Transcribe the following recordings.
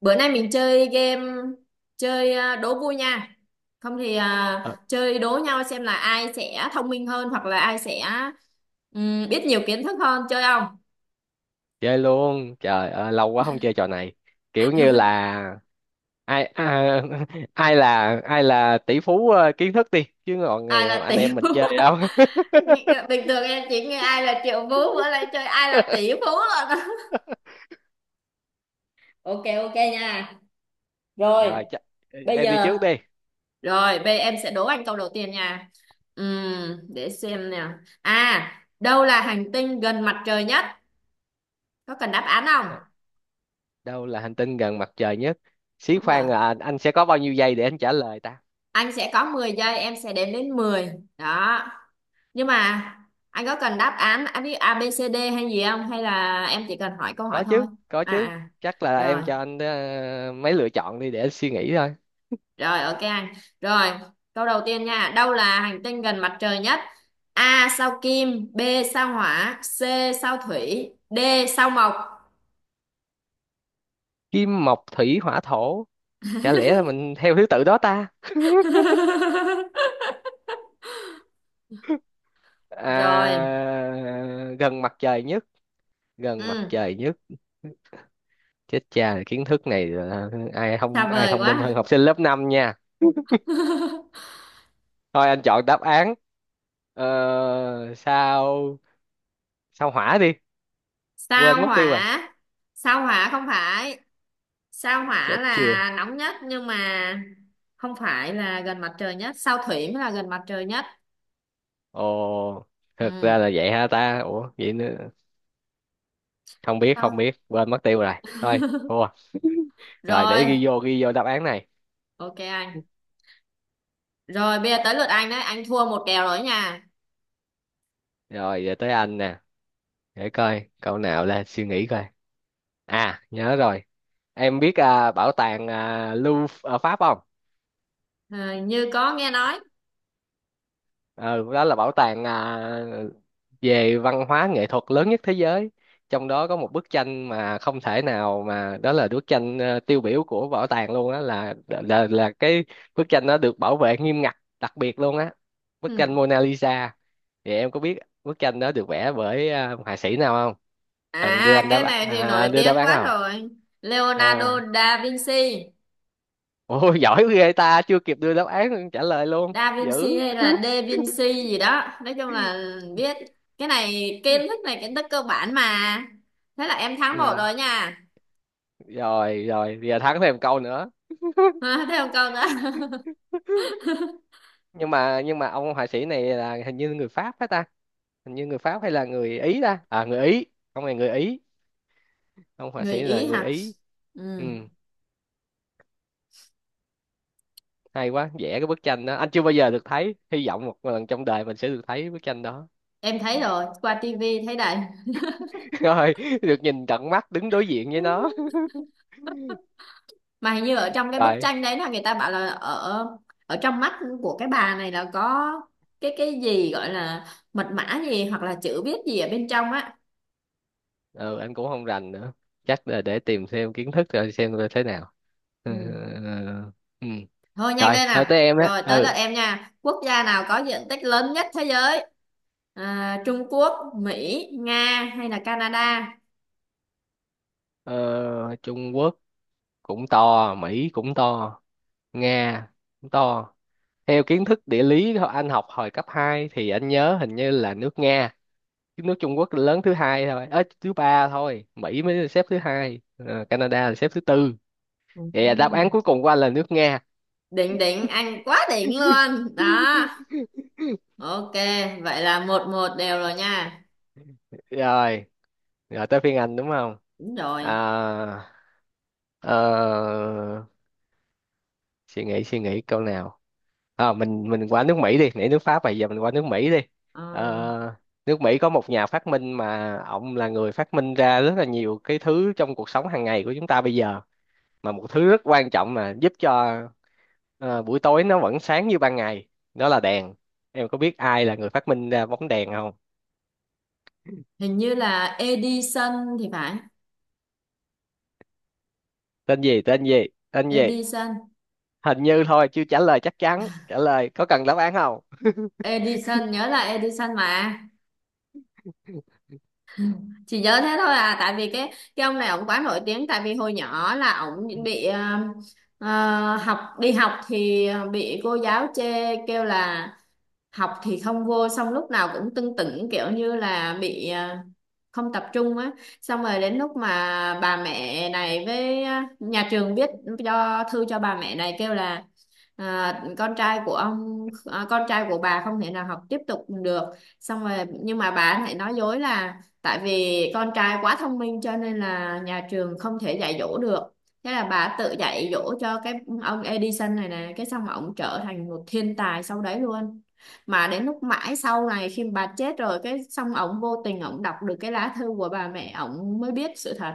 Bữa nay mình chơi game, đố vui nha. Không thì Ờ, chơi đố nhau xem là ai sẽ thông minh hơn hoặc là ai sẽ biết nhiều kiến thức hơn, chơi không? chơi luôn, trời ơi lâu quá không chơi trò này. Kiểu như là ai à, ai là tỷ phú kiến thức đi, chứ còn ngày Ai là anh tỷ em mình phú? chơi không? Bình thường em chỉ nghe ai là triệu phú, bữa nay chơi ai là tỷ phú rồi. Ok ok nha. Rồi, Rồi, chắc bây em đi giờ, trước đi. rồi bây em sẽ đố anh câu đầu tiên nha. Để xem nè. À, đâu là hành tinh gần mặt trời nhất? Có cần đáp án không? Đ- Đâu là hành tinh gần mặt trời nhất? Xí Đúng rồi. khoan, là anh sẽ có bao nhiêu giây để anh trả lời ta? Anh sẽ có 10 giây, em sẽ đếm đến 10. Đó. Nhưng mà anh có cần đáp án, anh biết A B C D hay gì không, hay là em chỉ cần hỏi câu hỏi Có thôi? chứ, có À chứ. à. Chắc là Rồi, em cho anh mấy lựa chọn đi để anh suy nghĩ thôi. rồi ok anh. Rồi, câu đầu tiên nha. Đâu là hành tinh gần mặt trời nhất? A sao Kim, B sao Hỏa, C sao Thủy, D sao Mộc. Kim mộc thủy hỏa thổ, chả lẽ là mình theo thứ tự đó ta? Rồi. Gần mặt trời nhất, gần mặt Ừ, trời nhất. Chết cha, kiến thức này là ai không, xa ai vời thông minh hơn quá. học sinh lớp 5 nha. Thôi anh chọn đáp án sao sao hỏa đi. Quên sao mất tiêu rồi. Hỏa. Sao Hỏa không phải. Sao Hỏa Chết chưa. là nóng nhất, nhưng mà không phải là gần mặt trời nhất. Sao Thủy mới là gần mặt trời nhất. Ồ. Thực ra Ừ. là vậy ha ta, ủa vậy nữa. Không biết, không Sao? biết, quên mất tiêu rồi. Thôi, thua rồi. Rồi Để ghi vô đáp án này. ok anh. Rồi bây giờ tới lượt anh đấy, anh thua một kèo rồi nha. Rồi giờ tới anh nè. Để coi câu nào, là suy nghĩ coi. À nhớ rồi. Em biết bảo tàng Louvre ở Pháp không? Ờ, như có nghe nói. Ừ, đó là bảo tàng về văn hóa nghệ thuật lớn nhất thế giới. Trong đó có một bức tranh mà không thể nào, mà đó là bức tranh tiêu biểu của bảo tàng luôn á, là cái bức tranh nó được bảo vệ nghiêm ngặt đặc biệt luôn á. Bức tranh Ừ. Mona Lisa. Thì em có biết bức tranh đó được vẽ bởi họa sĩ nào không? Cần đưa À, anh cái này thì nổi đưa đáp tiếng án quá không? rồi. Leonardo À, da Vinci. ôi giỏi ghê ta, chưa kịp đưa đáp án trả lời luôn Da dữ. Vinci hay là Da Vinci gì đó, nói chung là biết. Cái này kiến thức, này kiến thức cơ bản mà. Thế là em thắng một Ừ, rồi nha. rồi, rồi giờ thắng thêm câu nữa. thêm một câu nữa. Nhưng mà ông họa sĩ này là hình như người Pháp phải ta? Hình như người Pháp hay là người Ý ta? À, người Ý. Ông này người Ý, ông họa người sĩ là Ý người hả? Ý. Ừ, Ừ. hay quá, vẽ cái bức tranh đó anh chưa bao giờ được thấy, hy vọng một lần trong đời mình sẽ được thấy bức tranh đó. Em thấy rồi, qua tivi thấy đầy. Rồi được nhìn tận mắt, đứng đối diện với nó. Mà hình như ở trong cái bức Rồi. tranh đấy là người ta bảo là ở ở trong mắt của cái bà này là có cái gì gọi là mật mã gì hoặc là chữ viết gì ở bên trong á. Ừ, anh cũng không rành nữa. Chắc là để tìm thêm kiến thức rồi xem là thế nào. Ừ. Ừ, Ừ. ừ. Ừ. Ừ. Thôi nhanh Rồi, lên nói nào, tới em á. rồi tới lượt Ừ, em nha. Quốc gia nào có diện tích lớn nhất thế giới? À, Trung Quốc, Mỹ, Nga hay là Canada? ờ, Trung Quốc cũng to, Mỹ cũng to, Nga cũng to. Theo kiến thức địa lý anh học hồi cấp 2, thì anh nhớ hình như là nước Nga, chứ nước Trung Quốc lớn thứ hai thôi, thứ ba thôi, Mỹ mới là xếp thứ hai, Canada là xếp thứ tư. Ừ. Vậy là đáp án cuối cùng của anh là nước Nga. Đỉnh, đỉnh anh quá đỉnh luôn đó. Ok, vậy là 1-1 đều rồi nha. Rồi, rồi tới phiên anh đúng không? Đúng rồi. À, ờ, suy nghĩ câu nào. Ờ, mình qua nước Mỹ đi, nãy nước Pháp mà giờ mình qua nước Mỹ đi. Ờ, Ờ, nước Mỹ có một nhà phát minh mà ông là người phát minh ra rất là nhiều cái thứ trong cuộc sống hàng ngày của chúng ta bây giờ, mà một thứ rất quan trọng mà giúp cho buổi tối nó vẫn sáng như ban ngày, đó là đèn. Em có biết ai là người phát minh ra bóng đèn không? hình như là Edison thì phải. Tên gì, tên gì, tên gì? Edison. Hình như thôi, chưa trả lời chắc chắn, trả lời có cần đáp án không? Edison, nhớ là Edison mà, chỉ nhớ thế thôi à, tại vì cái ông này ổng quá nổi tiếng. Tại vì hồi nhỏ là ổng bị học đi học thì bị cô giáo chê, kêu là học thì không vô, xong lúc nào cũng tưng tửng, kiểu như là bị không tập trung á. Xong rồi đến lúc mà bà mẹ này với nhà trường biết, cho thư cho bà mẹ này kêu là con trai của ông, con trai của bà không thể nào học tiếp tục được. Xong rồi, nhưng mà bà lại nói dối là tại vì con trai quá thông minh cho nên là nhà trường không thể dạy dỗ được. Thế là bà tự dạy dỗ cho cái ông Edison này nè, cái xong mà ông trở thành một thiên tài sau đấy luôn. Mà đến lúc mãi sau này khi bà chết rồi, cái xong ổng vô tình ổng đọc được cái lá thư của bà mẹ, ổng mới biết sự thật.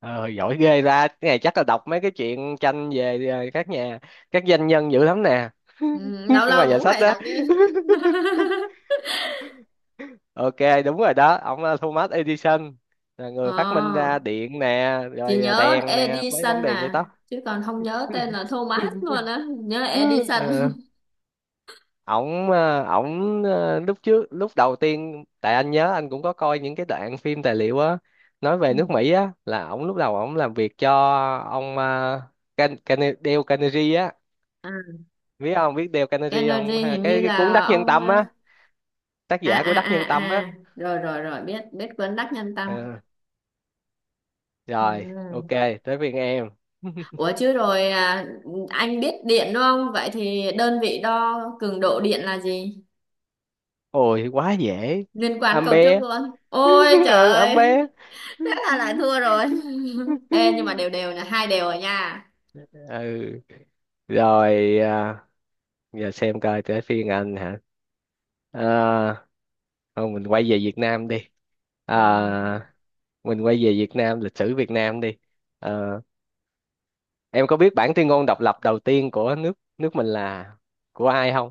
Ờ, giỏi ghê ra. Cái này chắc là đọc mấy cái chuyện tranh về các doanh nhân dữ lắm nè, Ừ, lâu nhưng mà lâu giải cũng sách phải đó. đọc chứ. Ok, đúng rồi đó, ông là Thomas Edison, là người phát minh ra ờ, điện nè, chị rồi nhớ đèn nè, mấy bóng Edison đèn vậy à, đó. chứ còn không nhớ tên là Thomas luôn á, nhớ Edison. Ờ, ổng lúc trước, lúc đầu tiên tại anh nhớ anh cũng có coi những cái đoạn phim tài liệu á, nói về nước Ừ. Mỹ á, là ổng lúc đầu ổng làm việc cho ông Dale Carnegie á. À, Biết không, biết Dale Carnegie không? Kennedy Ha, hình như cái cuốn là Đắc Nhân ông Tâm á, ờ, tác À giả à của Đắc à Nhân Tâm á. à, rồi rồi rồi, biết biết cuốn Đắc Nhân Tâm. Ờ, Ừ. rồi ok, tới phiên em. Ủa chứ rồi anh biết điện đúng không? Vậy thì đơn vị đo cường độ điện là gì? Ôi quá dễ. Liên quan Am câu trước bé. luôn, ôi trời Ừ, am. ơi. Thế là lại thua rồi. ê nhưng mà đều, đều là hai đều rồi nha. Ừ, rồi, giờ xem coi tới phiên anh hả? à, Thôi mình quay về Việt Nam đi. Ừ, à, mình quay về Việt Nam, lịch sử Việt Nam đi. Ờ, em có biết bản tuyên ngôn độc lập đầu tiên của nước nước mình là của ai không?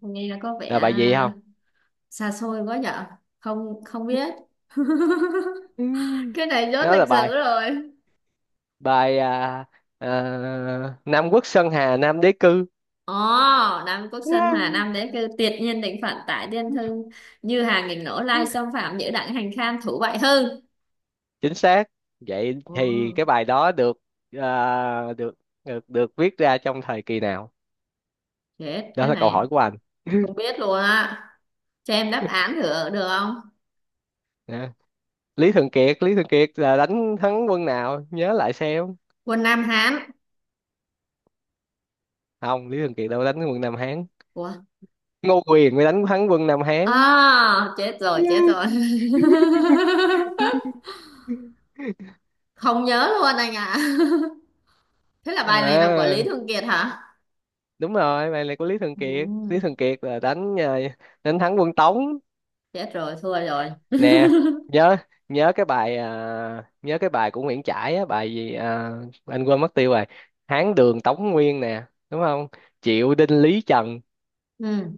nghe nó có vẻ Là bài gì không? xa xôi quá nhở. Không, không biết. Ừ. cái này rốt Đó là lịch sử bài rồi. bài à, à, Nam Quốc Sơn Hà Nam Đế Cư. Ồ. Nam Quốc Sơn Hà Nam đế cư, tuyệt nhiên định phận tại Tiên Thư, như hàng nghìn nổ lai Ừ. xâm phạm, nhữ đặng hành khan thủ bại hư. Chính xác. Vậy Ồ, thì cái bài đó được à, được được được viết ra trong thời kỳ nào? chết Đó cái là câu này, hỏi của anh. không biết luôn á. Cho em đáp án thử được không? Nè, Lý Thường Kiệt, Lý Thường Kiệt là đánh thắng quân nào? Nhớ lại xem. Quân Nam Hán. Không, Lý Thường Kiệt đâu có đánh quân Nam Hán. Ủa? Ngô Quyền mới đánh thắng quân Nam Hán. À, chết rồi, chết rồi. Không nhớ luôn anh ạ. Thế là bài này là của À Lý Thường Kiệt hả? đúng rồi, bài này của Lý Thường Ừ, Kiệt. Lý Thường Kiệt là đánh thắng quân Tống. chết rồi, thua rồi. Nè, nhớ nhớ cái bài à, nhớ cái bài của Nguyễn Trãi á, bài gì anh quên mất tiêu rồi. Hán Đường Tống Nguyên nè, đúng không? Triệu Đinh Lý Trần, Ừ.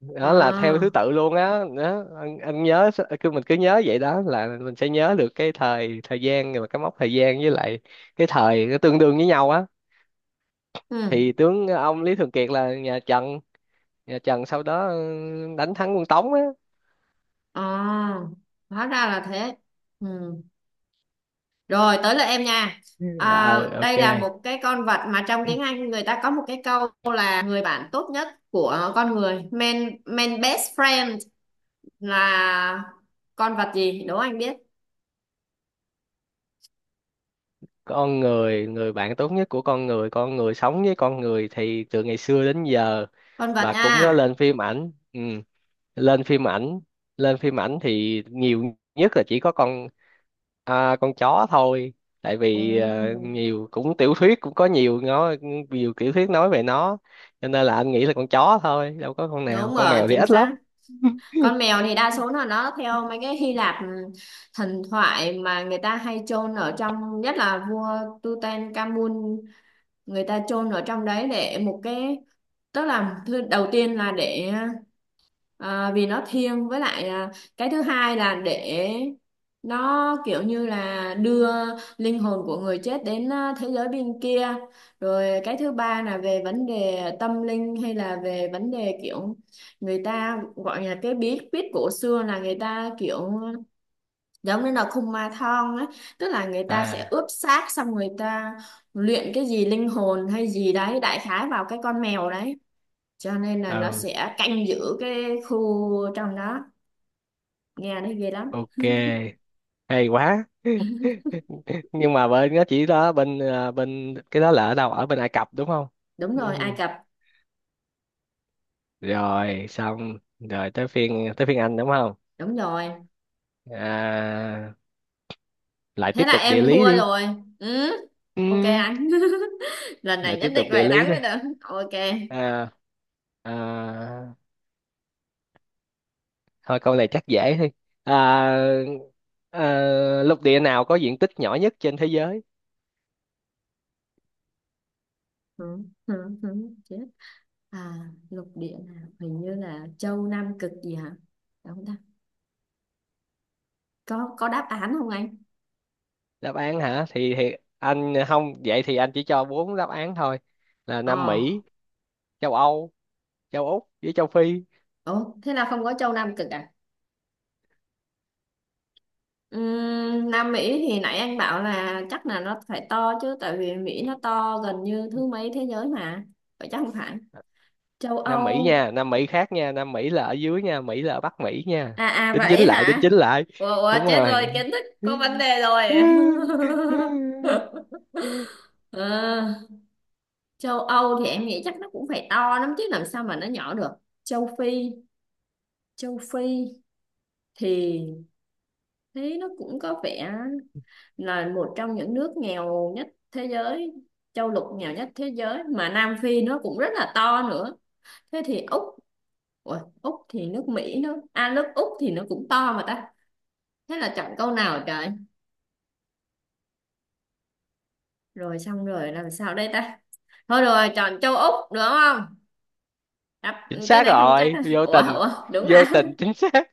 đó là theo thứ À, tự luôn á. Đó. Anh nhớ, cứ mình cứ nhớ vậy đó là mình sẽ nhớ được cái thời thời gian và cái mốc thời gian, với lại cái thời nó tương đương với nhau á. ừ. Thì tướng ông Lý Thường Kiệt là nhà Trần sau đó, đánh thắng quân Tống á. À, hóa ra là thế. Ừ. Rồi, tới lượt em nha. À, Ờ, ok. đây là một cái con vật mà trong tiếng Anh người ta có một cái câu là người bạn tốt nhất của con người. Man best friend là con vật gì? Đố anh biết. Con người, người bạn tốt nhất của con người sống với con người thì từ ngày xưa đến giờ Con vật và cũng có nha. lên phim ảnh. Ừ, lên phim ảnh, lên phim ảnh thì nhiều nhất là chỉ có con con chó thôi. Tại vì Ừ, nhiều cũng tiểu thuyết cũng có nhiều nói, nhiều tiểu thuyết nói về nó, cho nên là anh nghĩ là con chó thôi, đâu có con nào, đúng con rồi, mèo thì chính ít lắm. xác. Con mèo thì đa số là nó theo mấy cái Hy Lạp, thần thoại mà người ta hay chôn ở trong, nhất là vua Tutankhamun. Người ta chôn ở trong đấy để một cái, tức là thứ đầu tiên là để, vì nó thiêng. Với lại cái thứ hai là để nó kiểu như là đưa linh hồn của người chết đến thế giới bên kia. Rồi cái thứ ba là về vấn đề tâm linh hay là về vấn đề kiểu người ta gọi là cái bí quyết cổ xưa, là người ta kiểu giống như là khung ma thon ấy, tức là người ta sẽ À, ướp xác xong người ta luyện cái gì linh hồn hay gì đấy đại khái vào cái con mèo đấy, cho nên là nó ừ, sẽ canh giữ cái khu trong đó. Nghe nó ghê lắm. ok. Hay quá. Nhưng mà bên nó chỉ đó, bên bên cái đó là ở đâu, ở bên Ai Cập đúng không? Đúng Ừ. rồi, Ai Cập. Rồi xong rồi, tới phiên anh đúng không? Đúng rồi, à, Lại thế tiếp là tục địa em lý thua đi. rồi. Ừ, ok Ừ, anh. lần này lại tiếp nhất định tục địa phải lý thắng đi. mới được, ok. à, à, Thôi câu này chắc dễ thôi. à, Lục địa nào có diện tích nhỏ nhất trên thế giới? Ừ, ừ, ừ, chết. À, lục địa nào, hình như là châu Nam Cực gì hả, đúng không ta? Có đáp án không anh? Đáp án hả? Thì anh không, vậy thì anh chỉ cho bốn đáp án thôi, là Nam Ờ. Mỹ, châu Âu, châu Úc với châu Phi. Ủa thế là không có châu Nam Cực à? Nam Mỹ thì nãy anh bảo là chắc là nó phải to chứ, tại vì Mỹ nó to gần như thứ mấy thế giới mà, vậy chắc không phải. Châu Nam Mỹ Âu. nha, Nam Mỹ khác nha, Nam Mỹ là ở dưới nha, Mỹ là ở Bắc Mỹ nha. À à, Đính chính vậy lại, đính hả? chính lại. Ủa, ủa Đúng chết rồi, rồi. kiến thức có vấn đề rồi. Ờ, châu Âu thì em nghĩ chắc nó cũng phải to lắm chứ, làm sao mà nó nhỏ được. Châu Phi. Châu Phi thì thấy nó cũng có vẻ là một trong những nước nghèo nhất thế giới, châu lục nghèo nhất thế giới, mà Nam Phi nó cũng rất là to nữa. Thế thì Úc. Ủa, Úc thì nước Mỹ nó, à, nước Úc thì nó cũng to mà ta. Thế là chọn câu nào trời. Rồi xong rồi làm sao đây ta. Thôi rồi chọn châu Úc đúng không. Chính Ừ, cái xác này không chắc. rồi, vô Ủa tình, ủa, đúng vô à? tình chính xác.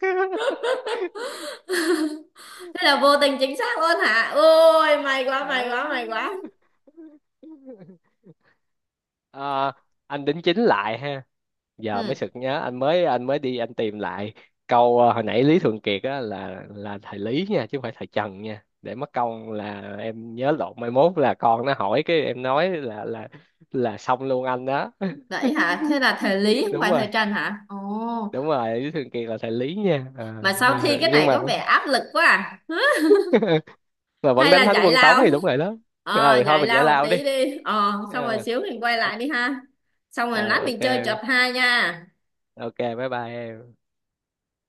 thế là vô tình chính xác luôn hả? Ôi, may quá may Đó. quá may quá. Ờ, anh đính chính lại ha. Giờ mới Ừ. sực nhớ, anh mới đi anh tìm lại câu hồi nãy Lý Thường Kiệt á là thầy Lý nha, chứ không phải thầy Trần nha, để mất công là em nhớ lộn mai mốt là con nó hỏi, cái em nói là xong luôn anh đó. Vậy hả? Thế là thời lý không Đúng phải rồi, thời trần hả? Ồ. đúng rồi, Lý Thường Kiệt là thầy Lý nha. Mà sao thi cái nhưng này mà có vẻ áp lực quá à. mà vẫn hay đánh là thắng giải quân Tống lao. thì đúng rồi đó. Ờ, Ừ, thôi giải mình giải lao một lao đi. tí đi. Ờ, xong rồi Ờ, xíu mình quay ok. lại đi ha. Xong rồi Ờ, lát ok, mình chơi chập hai nha. ok, bye bye em.